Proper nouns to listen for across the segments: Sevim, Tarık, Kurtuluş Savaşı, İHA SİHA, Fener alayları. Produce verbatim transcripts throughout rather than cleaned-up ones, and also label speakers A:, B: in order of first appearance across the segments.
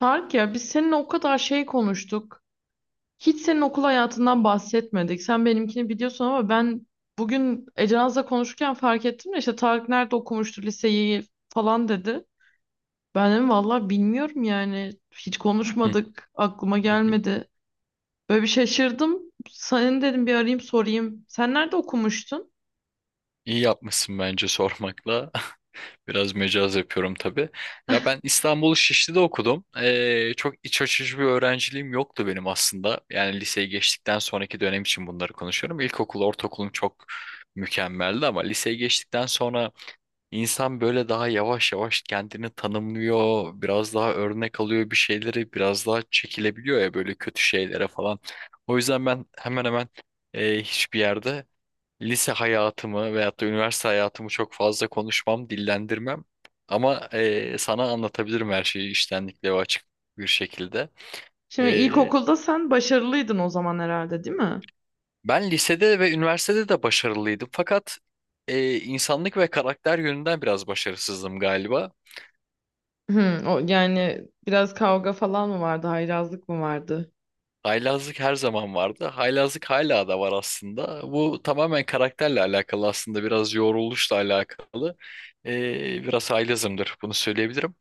A: Tarık, ya biz seninle o kadar şey konuştuk. Hiç senin okul hayatından bahsetmedik. Sen benimkini biliyorsun ama ben bugün Ece Naz'la konuşurken fark ettim de işte "Tarık nerede okumuştu liseyi falan?" dedi. Ben dedim, valla bilmiyorum yani. Hiç
B: Hı
A: konuşmadık. Aklıma
B: hı hı.
A: gelmedi. Böyle bir şaşırdım. "Senin," dedim, "bir arayayım sorayım." Sen nerede okumuştun?
B: İyi yapmışsın bence sormakla. Biraz mecaz yapıyorum tabii. Ya ben İstanbul Şişli'de okudum. Ee, çok iç açıcı bir öğrenciliğim yoktu benim aslında. Yani liseyi geçtikten sonraki dönem için bunları konuşuyorum. İlkokul, ortaokulum çok mükemmeldi ama liseye geçtikten sonra insan böyle daha yavaş yavaş kendini tanımlıyor. Biraz daha örnek alıyor bir şeyleri. Biraz daha çekilebiliyor ya böyle kötü şeylere falan. O yüzden ben hemen hemen e, hiçbir yerde lise hayatımı veyahut da üniversite hayatımı çok fazla konuşmam, dillendirmem. Ama eee, sana anlatabilirim her şeyi içtenlikle ve açık bir şekilde.
A: Şimdi
B: Eee,
A: ilkokulda sen başarılıydın o zaman herhalde, değil mi?
B: Ben lisede ve üniversitede de başarılıydım. Fakat eee, insanlık ve karakter yönünden biraz başarısızdım galiba.
A: Hı, o, yani biraz kavga falan mı vardı? Haylazlık mı vardı?
B: Haylazlık her zaman vardı. Haylazlık hala da var aslında. Bu tamamen karakterle alakalı, aslında biraz yoruluşla alakalı. Eee, biraz haylazımdır, bunu söyleyebilirim.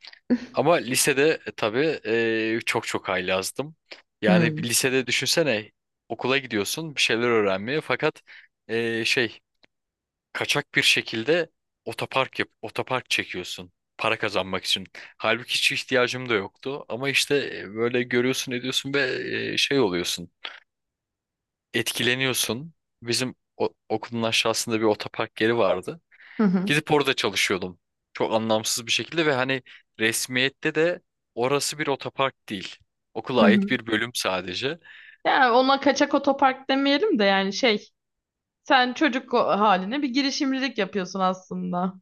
B: Ama lisede e, tabii e, çok çok haylazdım. Yani bir
A: Hı.
B: lisede düşünsene, okula gidiyorsun bir şeyler öğrenmeye fakat e, şey, kaçak bir şekilde otopark yap otopark çekiyorsun para kazanmak için. Halbuki hiç ihtiyacım da yoktu ama işte e, böyle görüyorsun ediyorsun ve e, şey oluyorsun etkileniyorsun. Bizim o- okulun aşağısında bir otopark yeri vardı. Gidip orada çalışıyordum. Çok anlamsız bir şekilde ve hani resmiyette de orası bir otopark değil. Okula
A: Hı
B: ait
A: hı.
B: bir bölüm sadece.
A: Yani ona kaçak otopark demeyelim de yani şey, sen çocuk o- haline bir girişimcilik yapıyorsun aslında.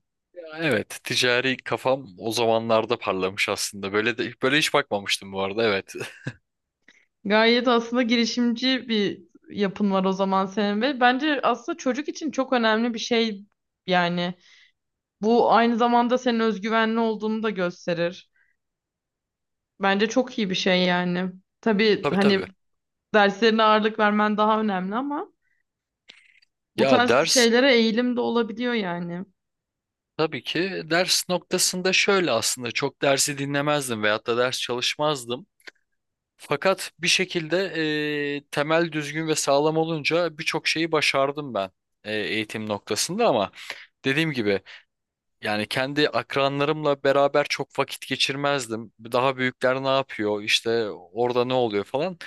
B: Evet, ticari kafam o zamanlarda parlamış aslında. Böyle de böyle hiç bakmamıştım bu arada. Evet.
A: Gayet aslında girişimci bir yapın var o zaman senin ve bence aslında çocuk için çok önemli bir şey yani, bu aynı zamanda senin özgüvenli olduğunu da gösterir. Bence çok iyi bir şey yani. Tabii
B: Tabii
A: hani
B: tabii.
A: derslerine ağırlık vermen daha önemli ama bu
B: Ya
A: tarz
B: ders
A: şeylere eğilim de olabiliyor yani.
B: Tabii ki ders noktasında şöyle, aslında çok dersi dinlemezdim veyahut da ders çalışmazdım. Fakat bir şekilde e, temel düzgün ve sağlam olunca birçok şeyi başardım ben e, eğitim noktasında. Ama dediğim gibi, yani kendi akranlarımla beraber çok vakit geçirmezdim. Daha büyükler ne yapıyor? İşte orada ne oluyor falan.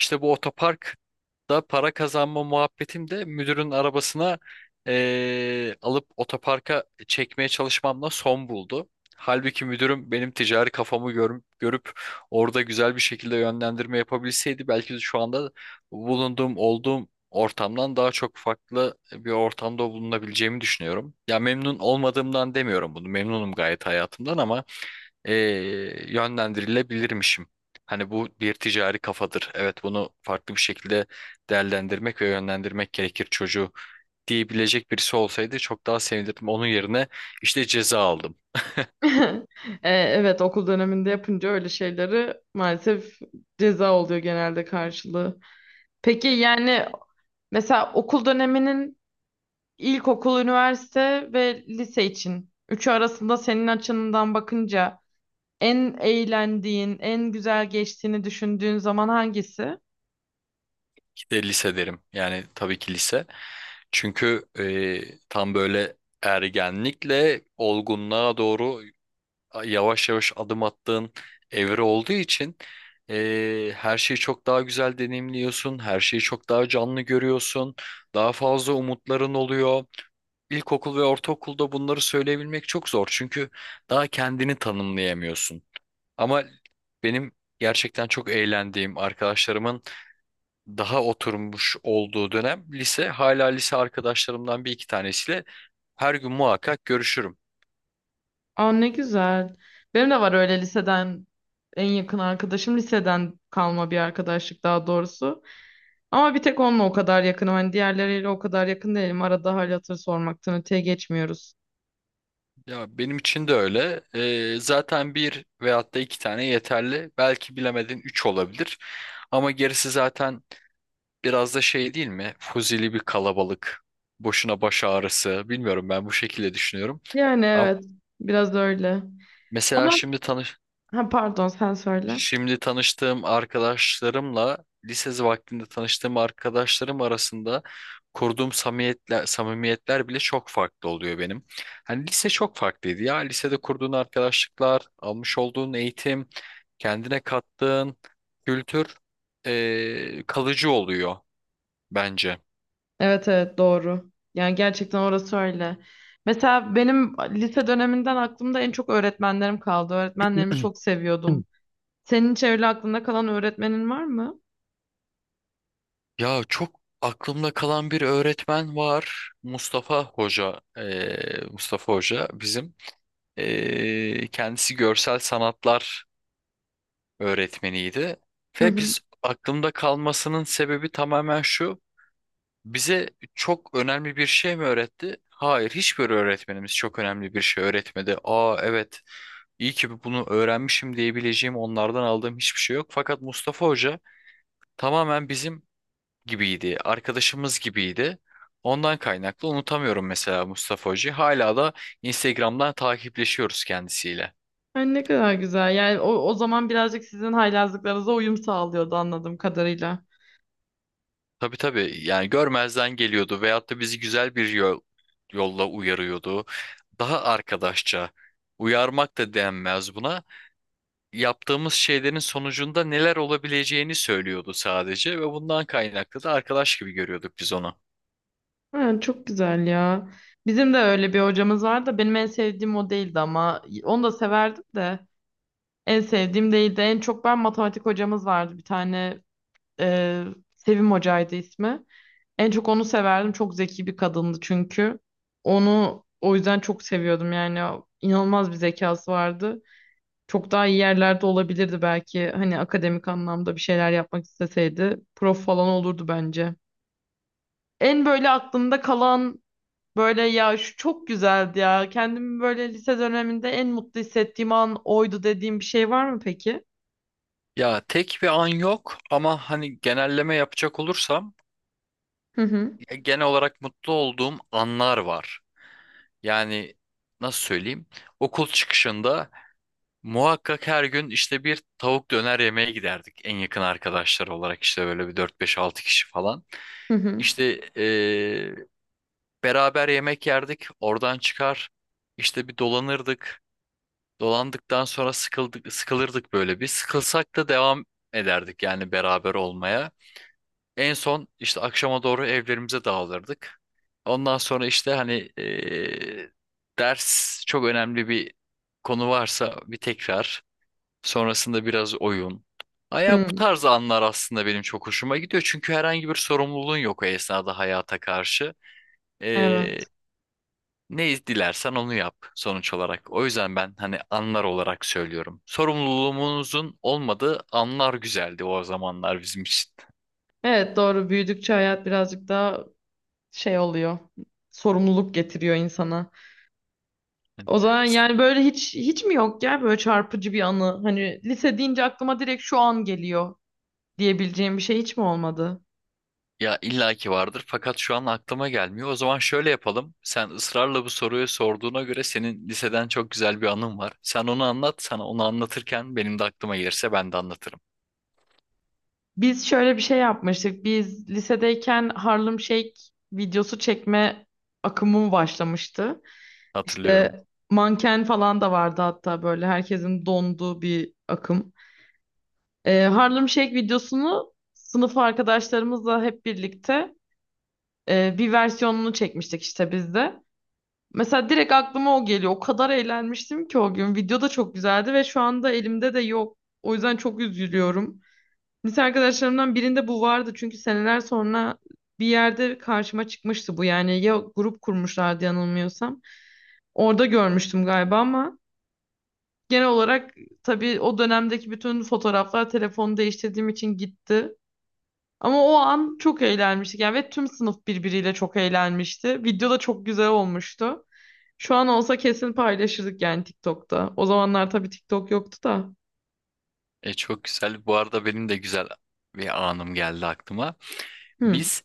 B: İşte bu otoparkta para kazanma muhabbetim de müdürün arabasına eee, alıp otoparka çekmeye çalışmamla son buldu. Halbuki müdürüm benim ticari kafamı gör, görüp orada güzel bir şekilde yönlendirme yapabilseydi, belki de şu anda bulunduğum, olduğum ortamdan daha çok farklı bir ortamda bulunabileceğimi düşünüyorum. Ya memnun olmadığımdan demiyorum bunu. Memnunum gayet hayatımdan ama eee, yönlendirilebilirmişim. Hani bu bir ticari kafadır. Evet, bunu farklı bir şekilde değerlendirmek ve yönlendirmek gerekir çocuğu, diyebilecek birisi olsaydı çok daha sevinirdim. Onun yerine işte ceza aldım.
A: E, evet, okul döneminde yapınca öyle şeyleri maalesef ceza oluyor genelde karşılığı. Peki yani mesela okul döneminin ilkokul, üniversite ve lise için üçü arasında senin açından bakınca en eğlendiğin, en güzel geçtiğini düşündüğün zaman hangisi?
B: İşte lise derim. Yani tabii ki lise. Çünkü eee, tam böyle ergenlikle olgunluğa doğru yavaş yavaş adım attığın evre olduğu için eee, her şeyi çok daha güzel deneyimliyorsun, her şeyi çok daha canlı görüyorsun, daha fazla umutların oluyor. İlkokul ve ortaokulda bunları söyleyebilmek çok zor çünkü daha kendini tanımlayamıyorsun. Ama benim gerçekten çok eğlendiğim arkadaşlarımın daha oturmuş olduğu dönem, lise. Hala lise arkadaşlarımdan bir iki tanesiyle her gün muhakkak görüşürüm.
A: Aa, ne güzel. Benim de var öyle liseden, en yakın arkadaşım liseden kalma bir arkadaşlık daha doğrusu. Ama bir tek onunla o kadar yakınım. Hani diğerleriyle o kadar yakın değilim. Arada hal hatır sormaktan öteye geçmiyoruz.
B: Ya benim için de öyle. Ee, zaten bir veyahut da iki tane yeterli. Belki bilemedin üç olabilir. Ama gerisi zaten biraz da şey değil mi? Fuzili bir kalabalık. Boşuna baş ağrısı. Bilmiyorum, ben bu şekilde düşünüyorum.
A: Yani
B: Ama
A: evet. Biraz öyle.
B: mesela
A: Ama
B: şimdi tanı
A: ha, pardon, sen söyle.
B: Şimdi tanıştığım arkadaşlarımla lise vaktinde tanıştığım arkadaşlarım arasında kurduğum samimiyetler, samimiyetler bile çok farklı oluyor benim. Hani lise çok farklıydı ya. Lisede kurduğun arkadaşlıklar, almış olduğun eğitim, kendine kattığın kültür eee, kalıcı oluyor bence.
A: Evet evet, doğru. Yani gerçekten orası öyle. Mesela benim lise döneminden aklımda en çok öğretmenlerim kaldı. Öğretmenlerimi çok seviyordum. Senin hiç öyle aklında kalan öğretmenin var mı?
B: Ya çok aklımda kalan bir öğretmen var. Mustafa Hoca. Eee, Mustafa Hoca bizim. Ee, kendisi görsel sanatlar öğretmeniydi.
A: Hı
B: Ve
A: hı.
B: biz aklımda kalmasının sebebi tamamen şu. Bize çok önemli bir şey mi öğretti? Hayır, hiçbir öğretmenimiz çok önemli bir şey öğretmedi. Aa evet, iyi ki bunu öğrenmişim diyebileceğim onlardan aldığım hiçbir şey yok. Fakat Mustafa Hoca tamamen bizim gibiydi, arkadaşımız gibiydi. Ondan kaynaklı unutamıyorum mesela Mustafa Hoca'yı. Hala da Instagram'dan takipleşiyoruz kendisiyle.
A: Ay, ne kadar güzel. Yani o, o zaman birazcık sizin haylazlıklarınıza uyum sağlıyordu anladığım kadarıyla.
B: Tabii tabii, yani görmezden geliyordu veyahut da bizi güzel bir yol, yolla uyarıyordu. Daha arkadaşça, uyarmak da denmez buna. Yaptığımız şeylerin sonucunda neler olabileceğini söylüyordu sadece ve bundan kaynaklı da arkadaş gibi görüyorduk biz onu.
A: Ha, çok güzel ya. Bizim de öyle bir hocamız vardı, benim en sevdiğim o değildi ama onu da severdim de, en sevdiğim değildi. En çok, ben matematik hocamız vardı bir tane, e, Sevim hocaydı ismi. En çok onu severdim. Çok zeki bir kadındı çünkü. Onu o yüzden çok seviyordum yani, inanılmaz bir zekası vardı. Çok daha iyi yerlerde olabilirdi belki, hani akademik anlamda bir şeyler yapmak isteseydi. Prof falan olurdu bence. En böyle aklımda kalan, böyle ya şu çok güzeldi ya, kendimi böyle lise döneminde en mutlu hissettiğim an oydu dediğim bir şey var mı peki?
B: Ya tek bir an yok ama hani genelleme yapacak olursam,
A: Hı hı.
B: e, genel olarak mutlu olduğum anlar var. Yani nasıl söyleyeyim? Okul çıkışında muhakkak her gün işte bir tavuk döner yemeye giderdik en yakın arkadaşlar olarak, işte böyle bir dört beş altı kişi falan.
A: Hı hı.
B: İşte eee, beraber yemek yerdik, oradan çıkar işte bir dolanırdık. Dolandıktan sonra sıkıldık, sıkılırdık, böyle bir sıkılsak da devam ederdik yani beraber olmaya. En son işte akşama doğru evlerimize dağılırdık. Ondan sonra işte hani eee, ders, çok önemli bir konu varsa bir tekrar. Sonrasında biraz oyun. Aya, bu
A: Hı.
B: tarz anlar aslında benim çok hoşuma gidiyor. Çünkü herhangi bir sorumluluğun yok o esnada hayata karşı. Ee,
A: Evet.
B: Ne dilersen onu yap sonuç olarak. O yüzden ben hani anlar olarak söylüyorum. Sorumluluğumuzun olmadığı anlar güzeldi o zamanlar bizim için.
A: Evet doğru. Büyüdükçe hayat birazcık daha şey oluyor. Sorumluluk getiriyor insana. O zaman yani böyle hiç hiç mi yok ya böyle çarpıcı bir anı? Hani lise deyince aklıma direkt şu an geliyor diyebileceğim bir şey hiç mi olmadı?
B: Ya illaki vardır fakat şu an aklıma gelmiyor. O zaman şöyle yapalım. Sen ısrarla bu soruyu sorduğuna göre senin liseden çok güzel bir anın var. Sen onu anlat, sana onu anlatırken benim de aklıma gelirse ben de anlatırım.
A: Biz şöyle bir şey yapmıştık. Biz lisedeyken Harlem Shake videosu çekme akımı başlamıştı.
B: Hatırlıyorum.
A: İşte manken falan da vardı hatta, böyle herkesin donduğu bir akım. Ee, Harlem Shake videosunu sınıf arkadaşlarımızla hep birlikte, e, bir versiyonunu çekmiştik işte biz de. Mesela direkt aklıma o geliyor. O kadar eğlenmiştim ki o gün. Video da çok güzeldi ve şu anda elimde de yok. O yüzden çok üzülüyorum. Lise arkadaşlarımdan birinde bu vardı çünkü, seneler sonra bir yerde karşıma çıkmıştı bu, yani ya grup kurmuşlardı yanılmıyorsam. Orada görmüştüm galiba, ama genel olarak tabii o dönemdeki bütün fotoğraflar telefonu değiştirdiğim için gitti. Ama o an çok eğlenmiştik yani ve tüm sınıf birbiriyle çok eğlenmişti. Video da çok güzel olmuştu. Şu an olsa kesin paylaşırdık yani TikTok'ta. O zamanlar tabii TikTok yoktu da.
B: E, çok güzel. Bu arada benim de güzel bir anım geldi aklıma.
A: Hı.
B: Biz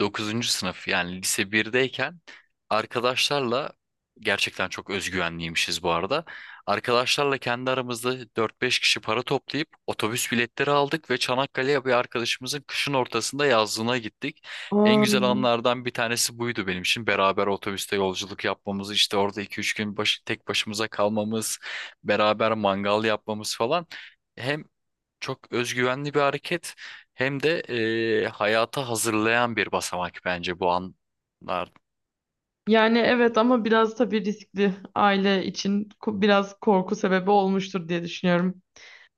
B: dokuzuncu sınıf, yani lise birdeyken arkadaşlarla, gerçekten çok özgüvenliymişiz bu arada. Arkadaşlarla kendi aramızda dört beş kişi para toplayıp otobüs biletleri aldık ve Çanakkale'ye bir arkadaşımızın kışın ortasında yazlığına gittik. En
A: Aa,
B: güzel anlardan bir tanesi buydu benim için. Beraber otobüste yolculuk yapmamız, işte orada iki üç gün baş, tek başımıza kalmamız, beraber mangal yapmamız falan. Hem çok özgüvenli bir hareket hem de e, hayata hazırlayan bir basamak bence bu anlar.
A: yani evet ama biraz tabii riskli, aile için ko- biraz korku sebebi olmuştur diye düşünüyorum.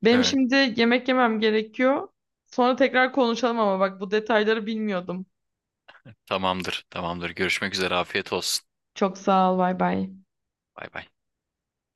A: Benim
B: Evet,
A: şimdi yemek yemem gerekiyor. Sonra tekrar konuşalım ama bak, bu detayları bilmiyordum.
B: tamamdır, tamamdır. Görüşmek üzere, afiyet olsun.
A: Çok sağ ol, bay bay.
B: Bay bay.